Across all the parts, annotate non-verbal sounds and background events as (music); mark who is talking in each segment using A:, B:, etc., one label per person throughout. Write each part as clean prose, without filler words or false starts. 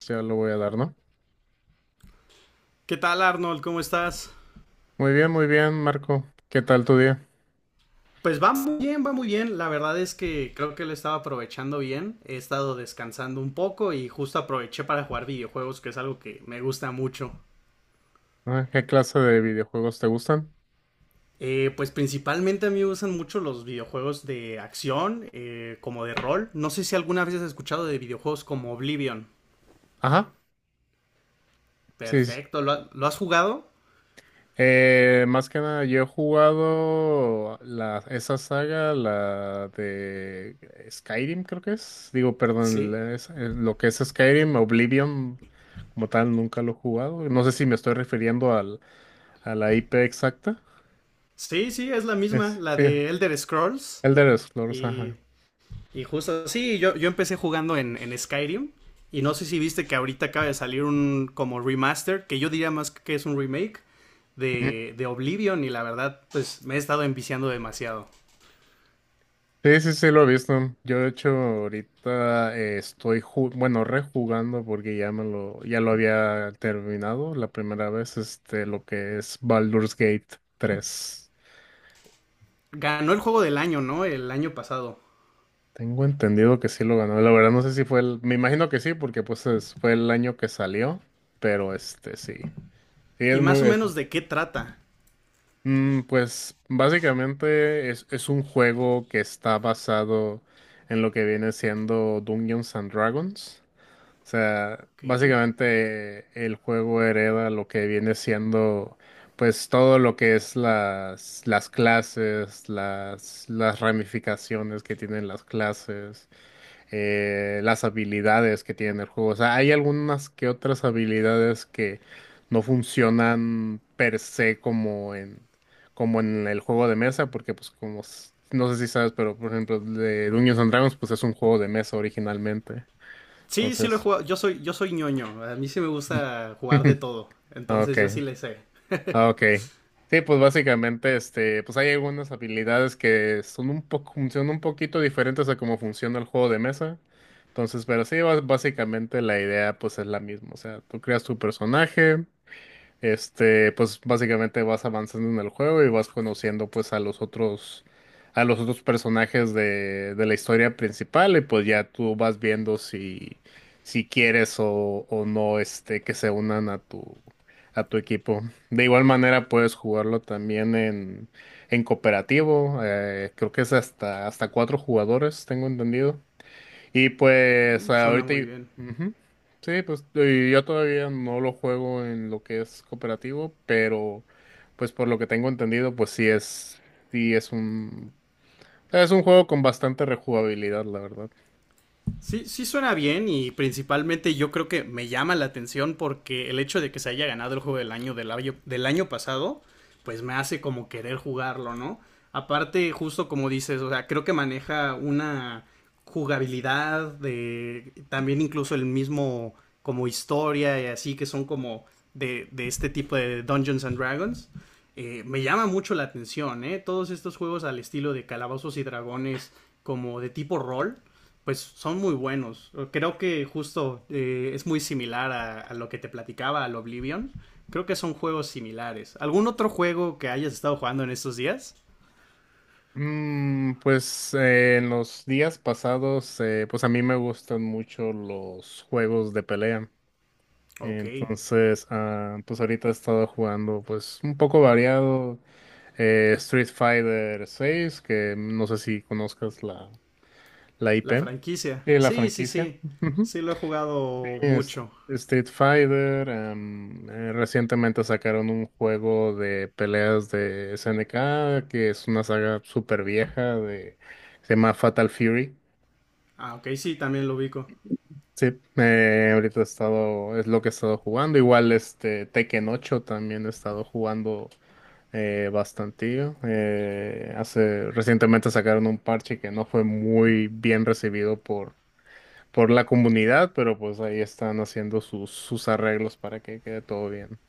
A: Sí, ya lo voy a dar, ¿no?
B: ¿Qué tal, Arnold? ¿Cómo estás?
A: Muy bien, Marco. ¿Qué tal tu día?
B: Pues va muy bien, va muy bien. La verdad es que creo que lo estaba aprovechando bien. He estado descansando un poco y justo aproveché para jugar videojuegos, que es algo que me gusta mucho.
A: Ah, ¿qué clase de videojuegos te gustan?
B: Pues principalmente a mí me gustan mucho los videojuegos de acción, como de rol. No sé si alguna vez has escuchado de videojuegos como Oblivion.
A: Ajá, sí. Sí.
B: Perfecto, ¿lo has jugado?
A: Más que nada, yo he jugado esa saga, la de Skyrim, creo que es. Digo, perdón,
B: Sí.
A: lo que es Skyrim, Oblivion, como tal, nunca lo he jugado. No sé si me estoy refiriendo a la IP exacta.
B: Sí, sí, es la misma,
A: Es,
B: la
A: sí,
B: de Elder Scrolls.
A: Elder Scrolls,
B: Y
A: ajá.
B: Y justo, sí, yo empecé jugando en Skyrim. Y no sé si viste que ahorita acaba de salir un como remaster, que yo diría más que es un remake de Oblivion. Y la verdad, pues me he estado enviciando demasiado.
A: Sí, sí, sí, lo he visto. Yo, de hecho, ahorita estoy, bueno, rejugando porque ya me ya lo había terminado la primera vez, este, lo que es Baldur's Gate tres.
B: Ganó el juego del año, ¿no? El año pasado.
A: Tengo entendido que sí lo ganó. La verdad no sé si fue el, me imagino que sí, porque pues fue el año que salió, pero este, sí. Sí, es
B: Y más o
A: muy,
B: menos de qué trata.
A: pues básicamente es un juego que está basado en lo que viene siendo Dungeons and Dragons. O sea,
B: Ok.
A: básicamente el juego hereda lo que viene siendo, pues todo lo que es las clases, las ramificaciones que tienen las clases, las habilidades que tiene el juego. O sea, hay algunas que otras habilidades que no funcionan per se como en el juego de mesa, porque pues como, no sé si sabes, pero por ejemplo, de Dungeons and Dragons, pues es un juego de mesa originalmente.
B: Sí, sí lo he
A: Entonces.
B: jugado. Yo soy ñoño. A mí sí me gusta jugar de
A: (laughs)
B: todo. Entonces yo
A: Okay,
B: sí le sé.
A: okay. Sí, pues básicamente, este, pues hay algunas habilidades que son un poco, funcionan un poquito diferentes a cómo funciona el juego de mesa. Entonces, pero sí, básicamente la idea pues es la misma. O sea, tú creas tu personaje. Este, pues básicamente vas avanzando en el juego y vas conociendo pues a los a los otros personajes de la historia principal y pues ya tú vas viendo si, si quieres o no este, que se unan a a tu equipo. De igual manera puedes jugarlo también en cooperativo, creo que es hasta, hasta cuatro jugadores, tengo entendido. Y pues
B: Suena
A: ahorita...
B: muy
A: y-
B: bien.
A: ujú. Sí, pues y yo todavía no lo juego en lo que es cooperativo, pero pues por lo que tengo entendido, pues sí sí es es un juego con bastante rejugabilidad, la verdad.
B: Sí, sí suena bien y principalmente yo creo que me llama la atención porque el hecho de que se haya ganado el juego del año del año pasado, pues me hace como querer jugarlo, ¿no? Aparte, justo como dices, o sea, creo que maneja una jugabilidad de también incluso el mismo como historia y así que son como de este tipo de Dungeons and Dragons. Me llama mucho la atención, ¿eh? Todos estos juegos al estilo de Calabozos y Dragones como de tipo rol pues son muy buenos. Creo que justo es muy similar a lo que te platicaba, al Oblivion. Creo que son juegos similares. ¿Algún otro juego que hayas estado jugando en estos días?
A: En los días pasados, pues a mí me gustan mucho los juegos de pelea.
B: Ok,
A: Entonces, ah, pues ahorita he estado jugando pues un poco variado. Street Fighter 6, que no sé si conozcas la
B: la
A: IP,
B: franquicia.
A: la
B: Sí, sí,
A: franquicia.
B: sí.
A: Ujú.
B: Sí, lo he jugado
A: Este,
B: mucho.
A: Street Fighter, recientemente sacaron un juego de peleas de SNK, que es una saga súper vieja, de, se llama Fatal Fury.
B: Ah, ok, sí, también lo ubico.
A: Sí, ahorita he estado, es lo que he estado jugando. Igual este Tekken 8 también he estado jugando bastantillo. Hace, recientemente sacaron un parche que no fue muy bien recibido por la comunidad, pero pues ahí están haciendo sus, sus arreglos para que quede todo bien.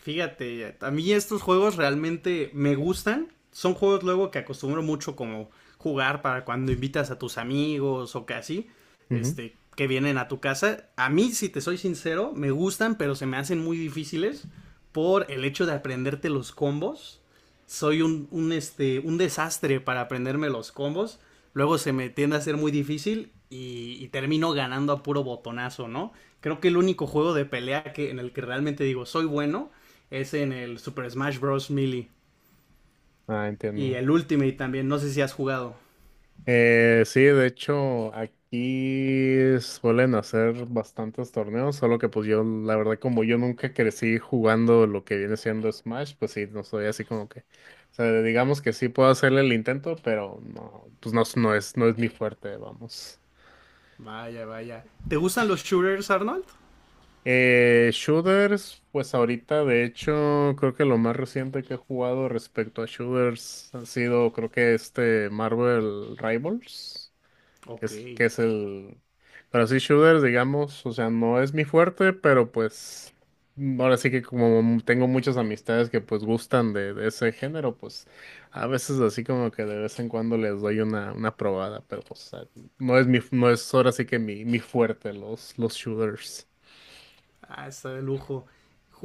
B: Fíjate, a mí estos juegos realmente me gustan. Son juegos luego que acostumbro mucho como jugar para cuando invitas a tus amigos o que así,
A: Ujú.
B: este, que vienen a tu casa. A mí, si te soy sincero, me gustan, pero se me hacen muy difíciles por el hecho de aprenderte los combos. Soy un desastre para aprenderme los combos. Luego se me tiende a ser muy difícil y termino ganando a puro botonazo, ¿no? Creo que el único juego de pelea en el que realmente digo soy bueno es en el Super Smash Bros. Melee.
A: Ah,
B: Y
A: entiendo.
B: el Ultimate también, no sé si has jugado.
A: Sí, de hecho, aquí suelen hacer bastantes torneos, solo que pues yo, la verdad, como yo nunca crecí jugando lo que viene siendo Smash, pues sí, no soy así como que, o sea, digamos que sí puedo hacerle el intento, pero no, pues no, no es, no es mi fuerte, vamos.
B: Vaya, vaya. ¿Te gustan los shooters, Arnold?
A: Shooters, pues ahorita, de hecho, creo que lo más reciente que he jugado respecto a shooters han sido, creo que este Marvel Rivals. Que
B: Ok.
A: es, que es el... Pero sí, shooters, digamos, o sea, no es mi fuerte, pero pues mm, ahora sí que como tengo muchas amistades que pues gustan de ese género, pues a veces así como que de vez en cuando les doy una probada, pero o sea, no es mi, no es ahora sí que mi fuerte, los shooters.
B: Ah, está de lujo.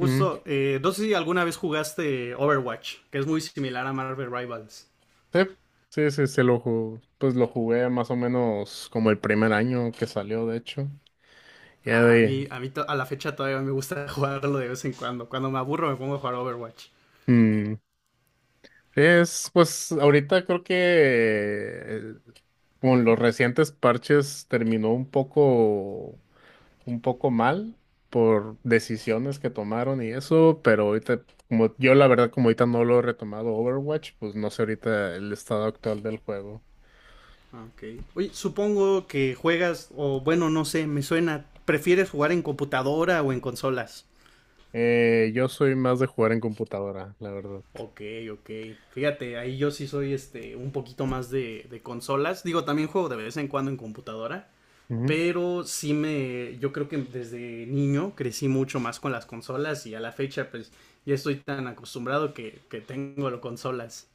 A: Ujú.
B: no sé si alguna vez jugaste Overwatch, que es muy similar a Marvel Rivals.
A: Sí, sí, sí, sí, pues lo jugué más o menos como el primer año que salió, de hecho. Ya de
B: A la fecha todavía me gusta (laughs) jugarlo de vez en cuando. Cuando me aburro me pongo a jugar Overwatch.
A: ahí. Es, pues, ahorita creo que con los recientes parches terminó un poco mal por decisiones que tomaron y eso, pero ahorita, como yo la verdad, como ahorita no lo he retomado Overwatch, pues no sé ahorita el estado actual del juego.
B: Ok. Oye, supongo que juegas, o bueno, no sé, me suena. ¿Prefieres jugar en computadora o en consolas?
A: Yo soy más de jugar en computadora, la verdad.
B: Ok, ok. Fíjate, ahí yo sí soy este un poquito más de consolas. Digo, también juego de vez en cuando en computadora. Pero sí me. Yo creo que desde niño crecí mucho más con las consolas. Y a la fecha, pues, ya estoy tan acostumbrado que tengo las consolas.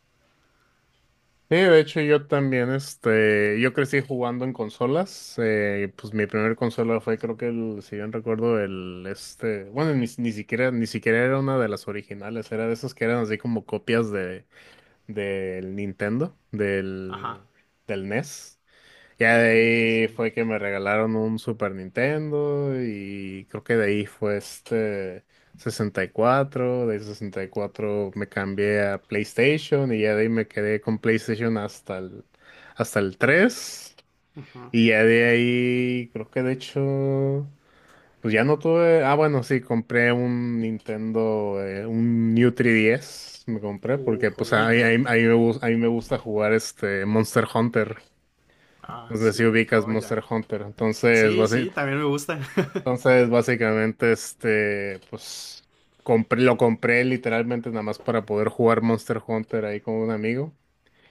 A: Sí, de hecho yo también, este, yo crecí jugando en consolas, pues mi primer consola fue creo que el, si bien recuerdo, el, este, bueno, ni siquiera, ni siquiera era una de las originales, era de esas que eran así como copias de, del Nintendo, del,
B: Ajá.
A: del NES, ya
B: Ok,
A: de ahí
B: sí.
A: fue que me regalaron un Super Nintendo y creo que de ahí fue este 64 de 64 me cambié a PlayStation y ya de ahí me quedé con PlayStation hasta el 3 y ya de ahí creo que de hecho pues ya no tuve, ah bueno sí, compré un Nintendo, un New 3DS me compré porque pues a mí,
B: Joyita.
A: a mí me, a mí me gusta jugar este Monster Hunter.
B: Ah,
A: No sé si
B: sí,
A: ubicas
B: joya.
A: Monster Hunter. Entonces,
B: Sí, sí, también me gusta. (laughs)
A: entonces básicamente, este, pues, compré, lo compré literalmente nada más para poder jugar Monster Hunter ahí con un amigo.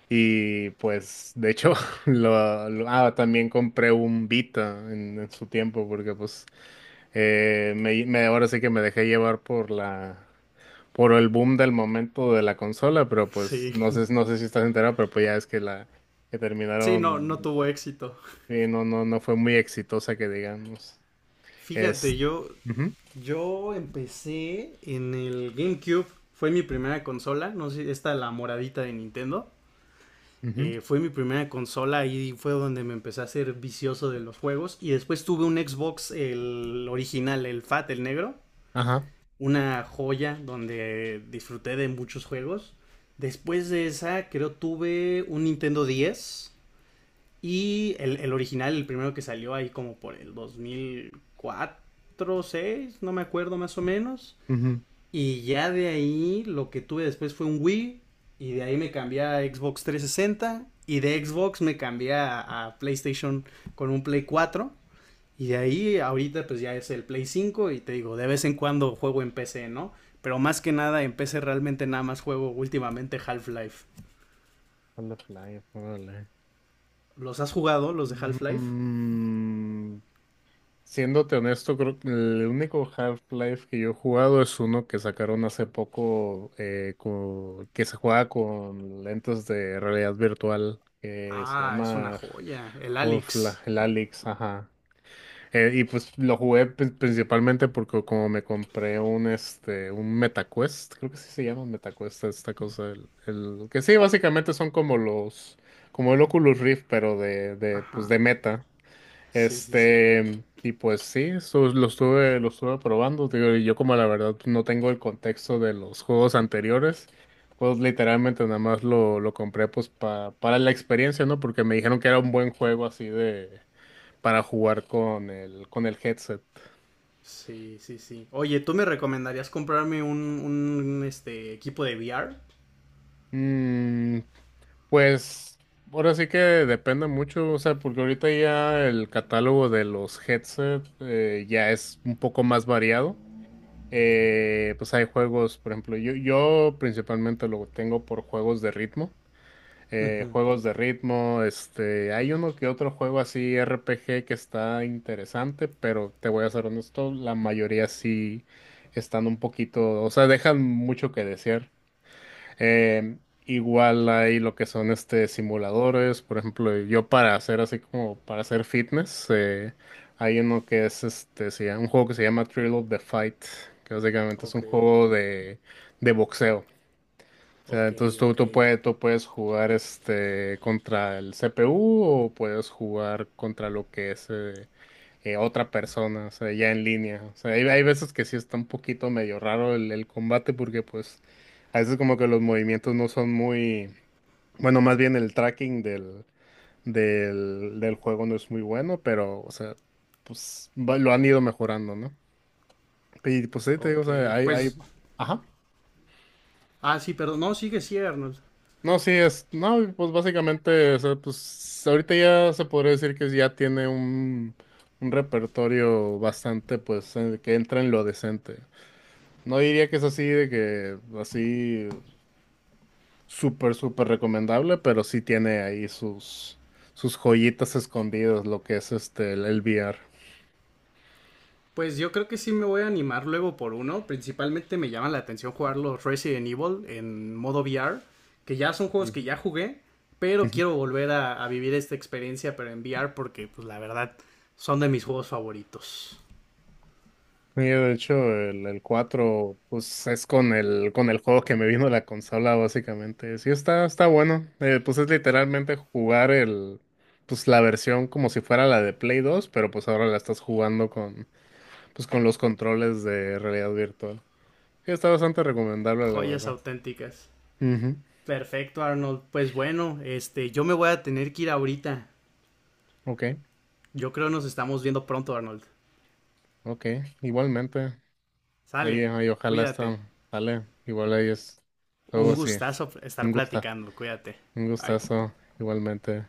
A: Y pues, de hecho, (laughs) también compré un Vita en su tiempo, porque pues, ahora sí que me dejé llevar por por el boom del momento de la consola, pero pues,
B: Sí.
A: no sé, no sé si estás enterado, pero pues ya es que que
B: Sí, no, no
A: terminaron.
B: tuvo éxito.
A: Sí, no, no fue muy exitosa que digamos. Es.
B: Fíjate, yo
A: Ujú,
B: Yo empecé en el GameCube, fue mi primera consola, no sé, esta la moradita de Nintendo.
A: ujú,
B: Fue mi primera consola y fue donde me empecé a ser vicioso de los juegos. Y después tuve un Xbox, el original, el Fat, el negro.
A: ajá.
B: Una joya donde disfruté de muchos juegos. Después de esa, creo tuve un Nintendo 10. El original, el primero que salió ahí como por el 2004, seis, no me acuerdo más o menos.
A: Ujú.
B: Y ya de ahí lo que tuve después fue un Wii. Y de ahí me cambié a Xbox 360. Y de Xbox me cambié a PlayStation con un Play 4. Y de ahí ahorita pues ya es el Play 5. Y te digo, de vez en cuando juego en PC, ¿no? Pero más que nada en PC realmente nada más juego últimamente Half-Life.
A: A la playa, órale.
B: ¿Los has jugado, los de Half-Life?
A: Mm, Siéndote honesto, creo que el único Half-Life que yo he jugado es uno que sacaron hace poco que se juega con lentes de realidad virtual que se
B: Ah, es una
A: llama
B: joya. El Alex.
A: Half-Life, el Alyx, ajá. Y pues lo jugué principalmente porque como me compré un un MetaQuest, creo que sí se llama MetaQuest esta cosa, que sí básicamente son como los como el Oculus Rift pero de pues
B: Ajá.
A: de Meta.
B: Sí, sí, sí.
A: Este y pues sí, eso lo estuve probando, digo, y yo como la verdad pues, no tengo el contexto de los juegos anteriores. Pues literalmente nada más lo compré pues para la experiencia, ¿no? Porque me dijeron que era un buen juego así de, para jugar con con el headset.
B: Sí, sí, sí. Oye, ¿tú me recomendarías comprarme un este equipo de VR?
A: Mm, pues ahora sí que depende mucho, o sea, porque ahorita ya el catálogo de los headsets ya es un poco más variado. Pues hay juegos, por ejemplo, yo principalmente lo tengo por juegos de ritmo. Juegos de ritmo, este, hay uno que otro juego así RPG que está interesante, pero te voy a ser honesto, la mayoría sí están un poquito, o sea, dejan mucho que desear. Eh, Igual hay lo que son este simuladores, por ejemplo, yo para hacer así como para hacer fitness, hay uno que es este, un juego que se llama Thrill of the Fight, que básicamente es un
B: Ok,
A: juego de boxeo. O sea,
B: ok,
A: entonces tú,
B: ok,
A: tú puedes jugar este contra el CPU o puedes jugar contra lo que es otra persona, o sea, ya en línea. O sea, hay veces que sí está un poquito medio raro el combate porque pues a veces como que los movimientos no son muy, bueno, más bien el tracking del juego no es muy bueno, pero, o sea, pues lo han ido mejorando, ¿no? Y pues sí, te digo, o sea,
B: ok.
A: hay,
B: Pues,
A: ajá.
B: ah, sí, perdón. No, sigue, sí, Arnold.
A: No, sí, no, pues básicamente, o sea, pues ahorita ya se podría decir que ya tiene un repertorio bastante, pues, que entra en lo decente. No diría que es así de que, así, súper, súper recomendable, pero sí tiene ahí sus, sus joyitas escondidas, lo que es este, el VR.
B: Pues yo creo que sí me voy a animar luego por uno. Principalmente me llama la atención jugar los Resident Evil en modo VR, que ya son juegos que ya jugué, pero
A: Sí.
B: quiero volver a vivir esta experiencia, pero en VR, porque, pues, la verdad, son de mis juegos favoritos.
A: Sí, de hecho, el 4, pues es con el juego que me vino la consola, básicamente. Sí, está, está bueno. Pues es literalmente jugar el, pues la versión como si fuera la de Play 2, pero pues ahora la estás jugando con, pues con los controles de realidad virtual. Sí, está bastante recomendable, la
B: Joyas
A: verdad.
B: auténticas.
A: Ujú.
B: Perfecto, Arnold. Pues bueno, este, yo me voy a tener que ir ahorita.
A: Ok,
B: Yo creo nos estamos viendo pronto, Arnold.
A: ok. Igualmente. Ahí,
B: Sale,
A: ahí ojalá
B: cuídate.
A: está, sale. Igual ahí es
B: Un
A: algo así.
B: gustazo estar
A: Un gusta,
B: platicando, cuídate.
A: un
B: Bye.
A: gustazo, igualmente.